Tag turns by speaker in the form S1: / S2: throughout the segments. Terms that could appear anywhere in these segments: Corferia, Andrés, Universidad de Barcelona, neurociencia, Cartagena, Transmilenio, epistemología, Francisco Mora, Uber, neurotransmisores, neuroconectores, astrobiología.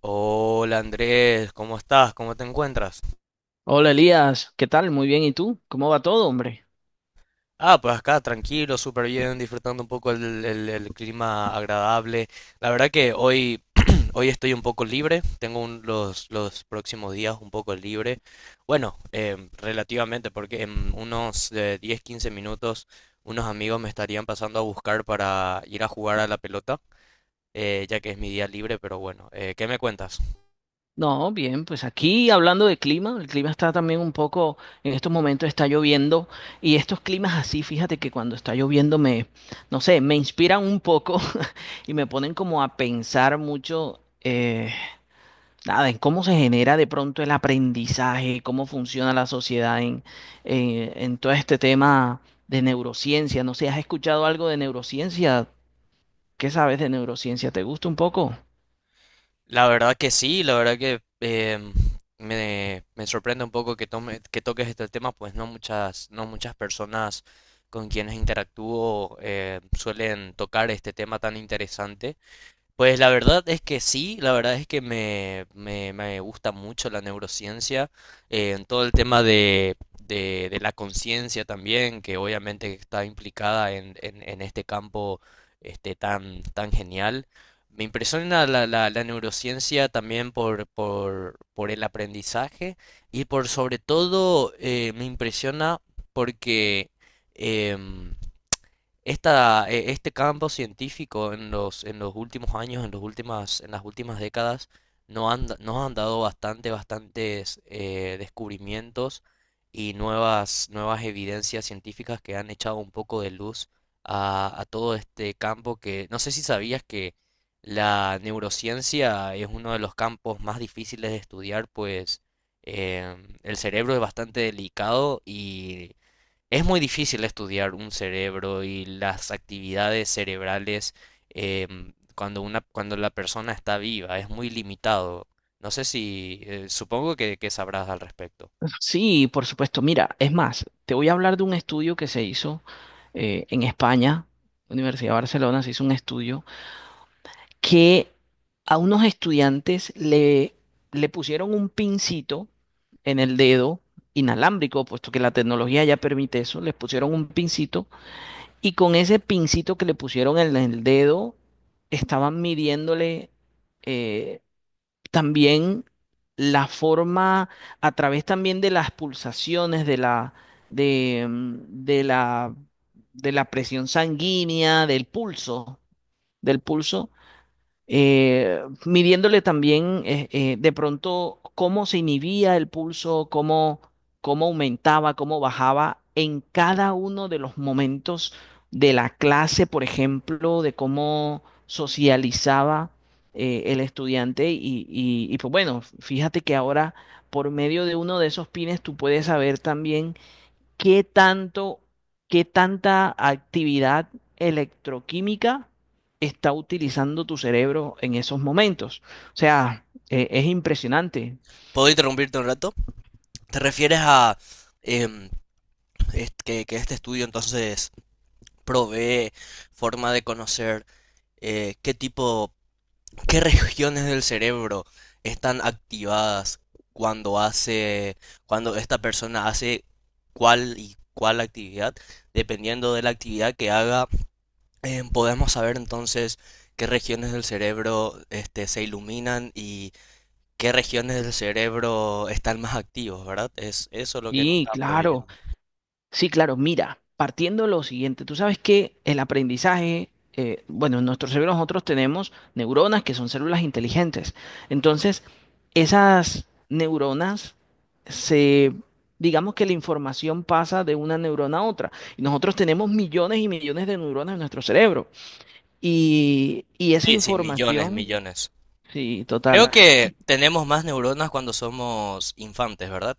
S1: Hola Andrés, ¿cómo estás? ¿Cómo te encuentras?
S2: Hola Elías, ¿qué tal? Muy bien, ¿y tú? ¿Cómo va todo, hombre?
S1: Pues acá tranquilo, súper bien, disfrutando un poco el clima agradable. La verdad que hoy, hoy estoy un poco libre, tengo los próximos días un poco libre. Bueno, relativamente, porque en unos 10-15 minutos unos amigos me estarían pasando a buscar para ir a jugar a la pelota, ya que es mi día libre, pero bueno, ¿qué me cuentas?
S2: No, bien, pues aquí hablando de clima, el clima está también un poco, en estos momentos está lloviendo y estos climas así, fíjate que cuando está lloviendo no sé, me inspiran un poco y me ponen como a pensar mucho, nada, en cómo se genera de pronto el aprendizaje, cómo funciona la sociedad en todo este tema de neurociencia. No sé, ¿has escuchado algo de neurociencia? ¿Qué sabes de neurociencia? ¿Te gusta un poco?
S1: La verdad que sí, la verdad que me sorprende un poco que que toques este tema, pues no muchas personas con quienes interactúo suelen tocar este tema tan interesante. Pues la verdad es que sí, la verdad es que me gusta mucho la neurociencia, en todo el tema de la conciencia también, que obviamente está implicada en este campo este, tan genial. Me impresiona la neurociencia también por el aprendizaje y por sobre todo me impresiona porque... em, este campo científico en en los últimos años, en las últimas décadas, no han da- nos han dado bastantes descubrimientos y nuevas evidencias científicas que han echado un poco de luz a todo este campo que no sé si sabías que la neurociencia es uno de los campos más difíciles de estudiar, pues el cerebro es bastante delicado y es muy difícil estudiar un cerebro y las actividades cerebrales cuando la persona está viva, es muy limitado. No sé si, supongo que sabrás al respecto.
S2: Sí, por supuesto. Mira, es más, te voy a hablar de un estudio que se hizo en España, Universidad de Barcelona, se hizo un estudio que a unos le pusieron un pincito en el dedo inalámbrico, puesto que la tecnología ya permite eso, les pusieron un pincito y con ese pincito que le pusieron en el dedo estaban midiéndole eh, también la forma a través también de las pulsaciones de, mm, de la de la presión sanguínea, del pulso, midiéndole también de pronto cómo se inhibía el pulso, cómo, cómo aumentaba, cómo bajaba en cada uno de los momentos de la clase, por ejemplo, de cómo socializaba el estudiante. Y pues bueno, fíjate que ahora por medio de uno de esos pines tú puedes saber también ¿qué tanto, qué tanta actividad electroquímica está utilizando tu cerebro en esos momentos? O sea, es impresionante.
S1: ¿Puedo interrumpirte un rato? ¿Te refieres a em, que este estudio entonces provee forma de conocer qué tipo? ¿Qué regiones del cerebro están activadas cuando hace, cuando esta persona hace cuál y cuál actividad? Dependiendo de la actividad que haga, podemos saber entonces qué regiones del cerebro este, se iluminan y qué regiones del cerebro están más activos, ¿verdad? Es eso lo que nos
S2: Y
S1: está
S2: claro.
S1: proveyendo.
S2: Sí, claro, mira, partiendo de lo siguiente, tú sabes que el aprendizaje, bueno, en nuestro cerebro nosotros tenemos neuronas que son células inteligentes. Entonces, esas se, digamos que la información pasa de una neurona a otra. Y nosotros tenemos millones y millones de neuronas en nuestro cerebro. Y esa
S1: Sí, sí, millones,
S2: información,
S1: millones.
S2: sí, total.
S1: Creo que tenemos más neuronas cuando somos infantes, ¿verdad?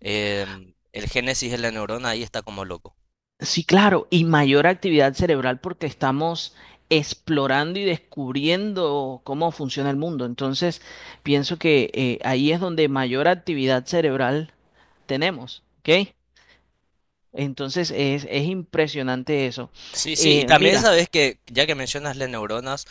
S1: El génesis de la neurona ahí está como loco.
S2: Sí, claro, y mayor actividad cerebral porque estamos explorando y descubriendo cómo funciona el mundo. Entonces, pienso que ahí es donde mayor actividad cerebral tenemos, ¿ok? Entonces, es impresionante eso.
S1: Sí, sí, y también
S2: Mira,
S1: sabes que, ya que mencionas las neuronas,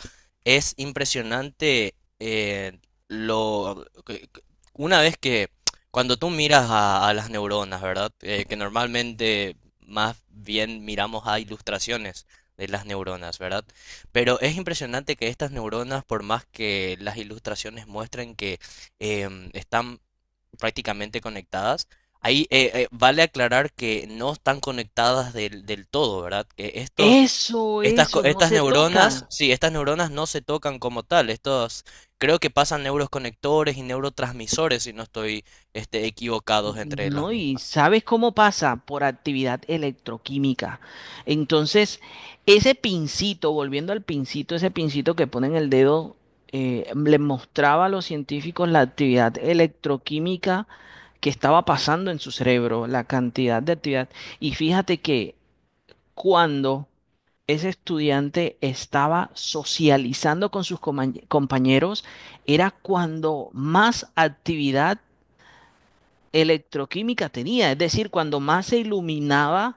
S1: es impresionante lo que- que- una vez que cuando tú miras a las neuronas, ¿verdad? Que normalmente más bien miramos a ilustraciones de las neuronas, ¿verdad? Pero es impresionante que estas neuronas, por más que las ilustraciones muestren que eh, prácticamente conectadas. Ahí vale aclarar que no están conectadas del todo, ¿verdad? Que estos,
S2: eso, eso, no
S1: estas
S2: se
S1: neuronas,
S2: tocan.
S1: sí, estas neuronas no se tocan como tal. Estos, creo que pasan neuroconectores y neurotransmisores, si no estoy, este, equivocados entre las
S2: No, y
S1: mismas.
S2: sabes cómo pasa por actividad electroquímica. Entonces, ese pincito, volviendo al pincito, ese pincito que pone en el dedo, le mostraba a los científicos la actividad electroquímica que estaba pasando en su cerebro, la cantidad de actividad. Y fíjate que cuando ese estudiante estaba socializando con sus compañeros, era cuando más actividad electroquímica tenía, es decir, cuando más se iluminaba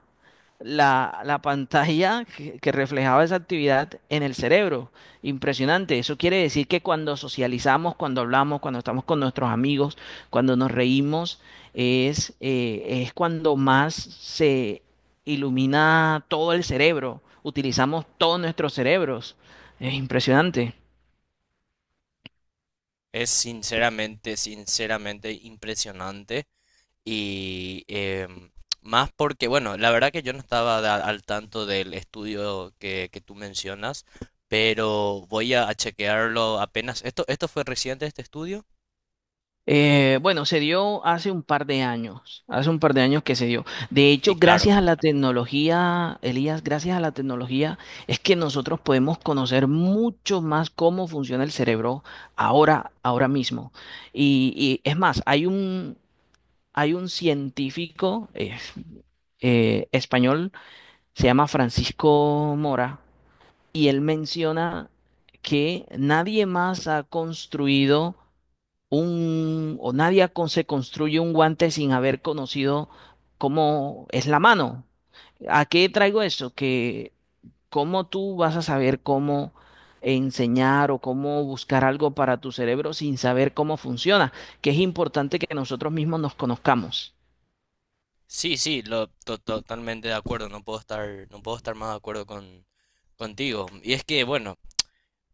S2: la, la pantalla que reflejaba esa actividad en el cerebro. Impresionante. Eso quiere decir que cuando socializamos, cuando hablamos, cuando estamos con nuestros amigos, cuando nos reímos, es cuando más se ilumina todo el cerebro. Utilizamos todos nuestros cerebros. Es impresionante.
S1: Es sinceramente, sinceramente impresionante. Y más porque, bueno, la verdad que yo no estaba da- al tanto del estudio que tú mencionas, pero voy a chequearlo apenas. Esto fue reciente este estudio.
S2: Bueno, se dio hace un par de años, hace un par de años que se dio. De
S1: Y
S2: hecho,
S1: claro.
S2: gracias a la tecnología, Elías, gracias a la tecnología, es que nosotros podemos conocer mucho más cómo funciona el cerebro ahora, ahora mismo. Y es más, hay un científico español, se llama Francisco Mora, y él menciona que nadie más ha construido un, o nadie con- se construye un guante sin haber conocido cómo es la mano. ¿A qué traigo eso? Que cómo tú vas a saber cómo enseñar o cómo buscar algo para tu cerebro sin saber cómo funciona, que es importante que nosotros mismos nos conozcamos.
S1: Sí, sí, totalmente de acuerdo. No puedo estar más de acuerdo contigo. Y es que, bueno,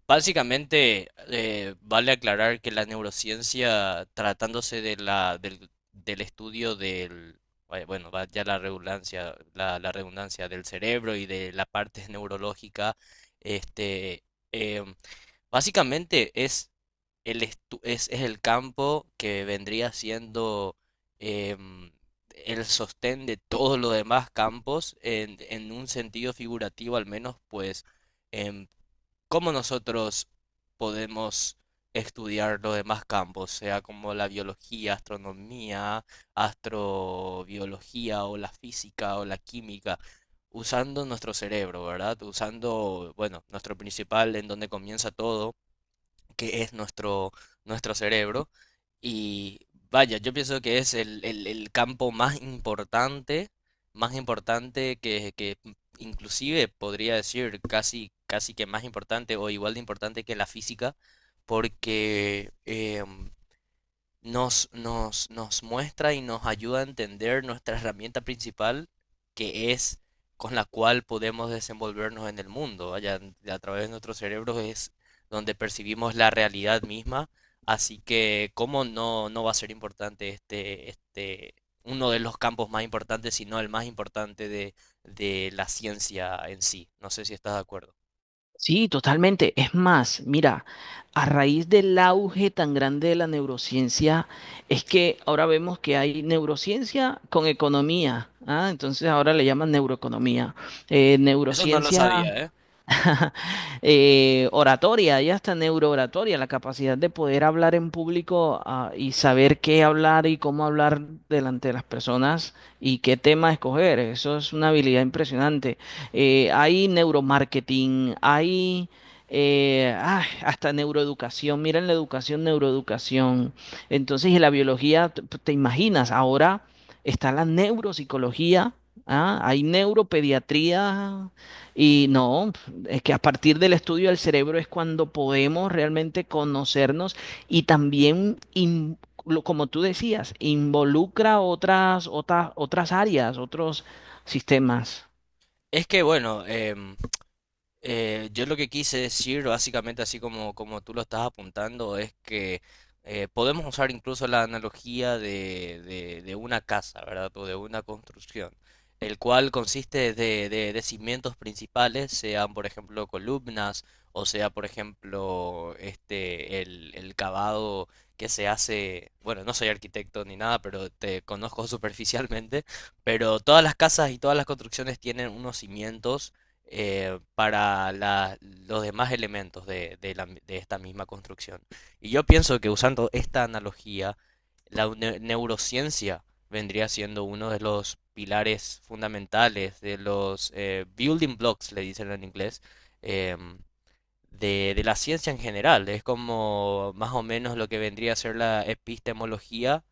S1: básicamente, vale aclarar que la neurociencia, tratándose del estudio del, bueno, va ya la redundancia, la redundancia del cerebro y de la parte neurológica, este, em, básicamente es el campo que vendría siendo em, el sostén de todos los demás campos en un sentido figurativo al menos, pues em, cómo nosotros podemos estudiar los demás campos, sea como la biología, astronomía, astrobiología o la física o la química, usando nuestro cerebro, ¿verdad? Usando, bueno, nuestro principal en donde comienza todo que es nuestro cerebro. Y vaya, yo pienso que es el campo más importante que inclusive podría decir casi que más importante o igual de importante que la física, porque nos muestra y nos ayuda a entender nuestra herramienta principal, que es con la cual podemos desenvolvernos en el mundo. Allá a través de nuestros cerebros es donde percibimos la realidad misma. Así que, ¿cómo no, no va a ser importante este, este, uno de los campos más importantes, sino el más importante de la ciencia en sí? No sé si estás de acuerdo.
S2: Sí, totalmente. Es más, mira, a raíz del auge tan grande de la neurociencia, es que ahora vemos que hay neurociencia con economía, ¿ah? Entonces ahora le llaman neuroeconomía.
S1: Eso no lo
S2: Neurociencia
S1: sabía, ¿eh?
S2: Oratoria, ya hasta neurooratoria, la capacidad de poder hablar en público, ah, y saber qué hablar y cómo hablar delante de las personas y qué tema escoger. Eso es una habilidad impresionante. Hay neuromarketing, hay hasta neuroeducación. Miren la educación, neuroeducación. Entonces, y la biología, te imaginas, ahora está la neuropsicología. Ah, hay neuropediatría y no, es que a partir del estudio del cerebro es cuando podemos realmente conocernos y también, como tú decías, involucra otras áreas, otros sistemas.
S1: Es que, bueno, yo lo que quise decir, básicamente así como tú lo estás apuntando, es que podemos usar incluso la analogía de una casa, ¿verdad? O de una construcción, el cual consiste de cimientos principales, sean por ejemplo columnas, o sea por ejemplo este, el cavado que se hace, bueno, no soy arquitecto ni nada, pero te conozco superficialmente, pero todas las casas y todas las construcciones tienen unos cimientos para los demás elementos de esta misma construcción. Y yo pienso que usando esta analogía, neurociencia vendría siendo uno de los pilares fundamentales, de los building blocks, le dicen en inglés, em, de la ciencia en general. Es como más o menos lo que vendría a ser la epistemología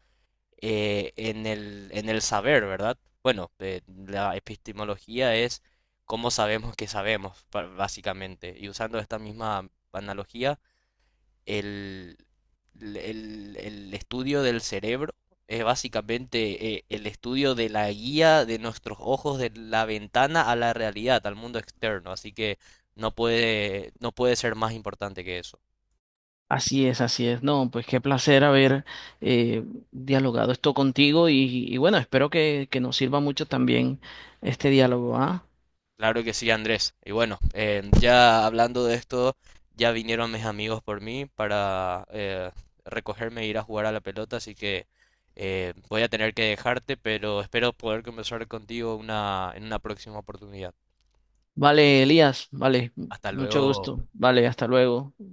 S1: en el saber, ¿verdad? Bueno, la epistemología es cómo sabemos que sabemos, básicamente. Y usando esta misma analogía, el, el estudio del cerebro es básicamente el estudio de la guía de nuestros ojos, de la ventana a la realidad, al mundo externo. Así que no puede ser más importante que eso.
S2: Así es, así es. No, pues qué placer haber eh, dialogado esto contigo y bueno, espero que nos sirva mucho también este diálogo, ¿ah?
S1: Claro que sí, Andrés. Y bueno, ya hablando de esto, ya vinieron mis amigos por mí para recogerme e ir a jugar a la pelota, así que voy a tener que dejarte, pero espero poder conversar contigo en una próxima oportunidad.
S2: Vale, Elías, vale,
S1: Hasta
S2: mucho
S1: luego.
S2: gusto. Vale, hasta luego.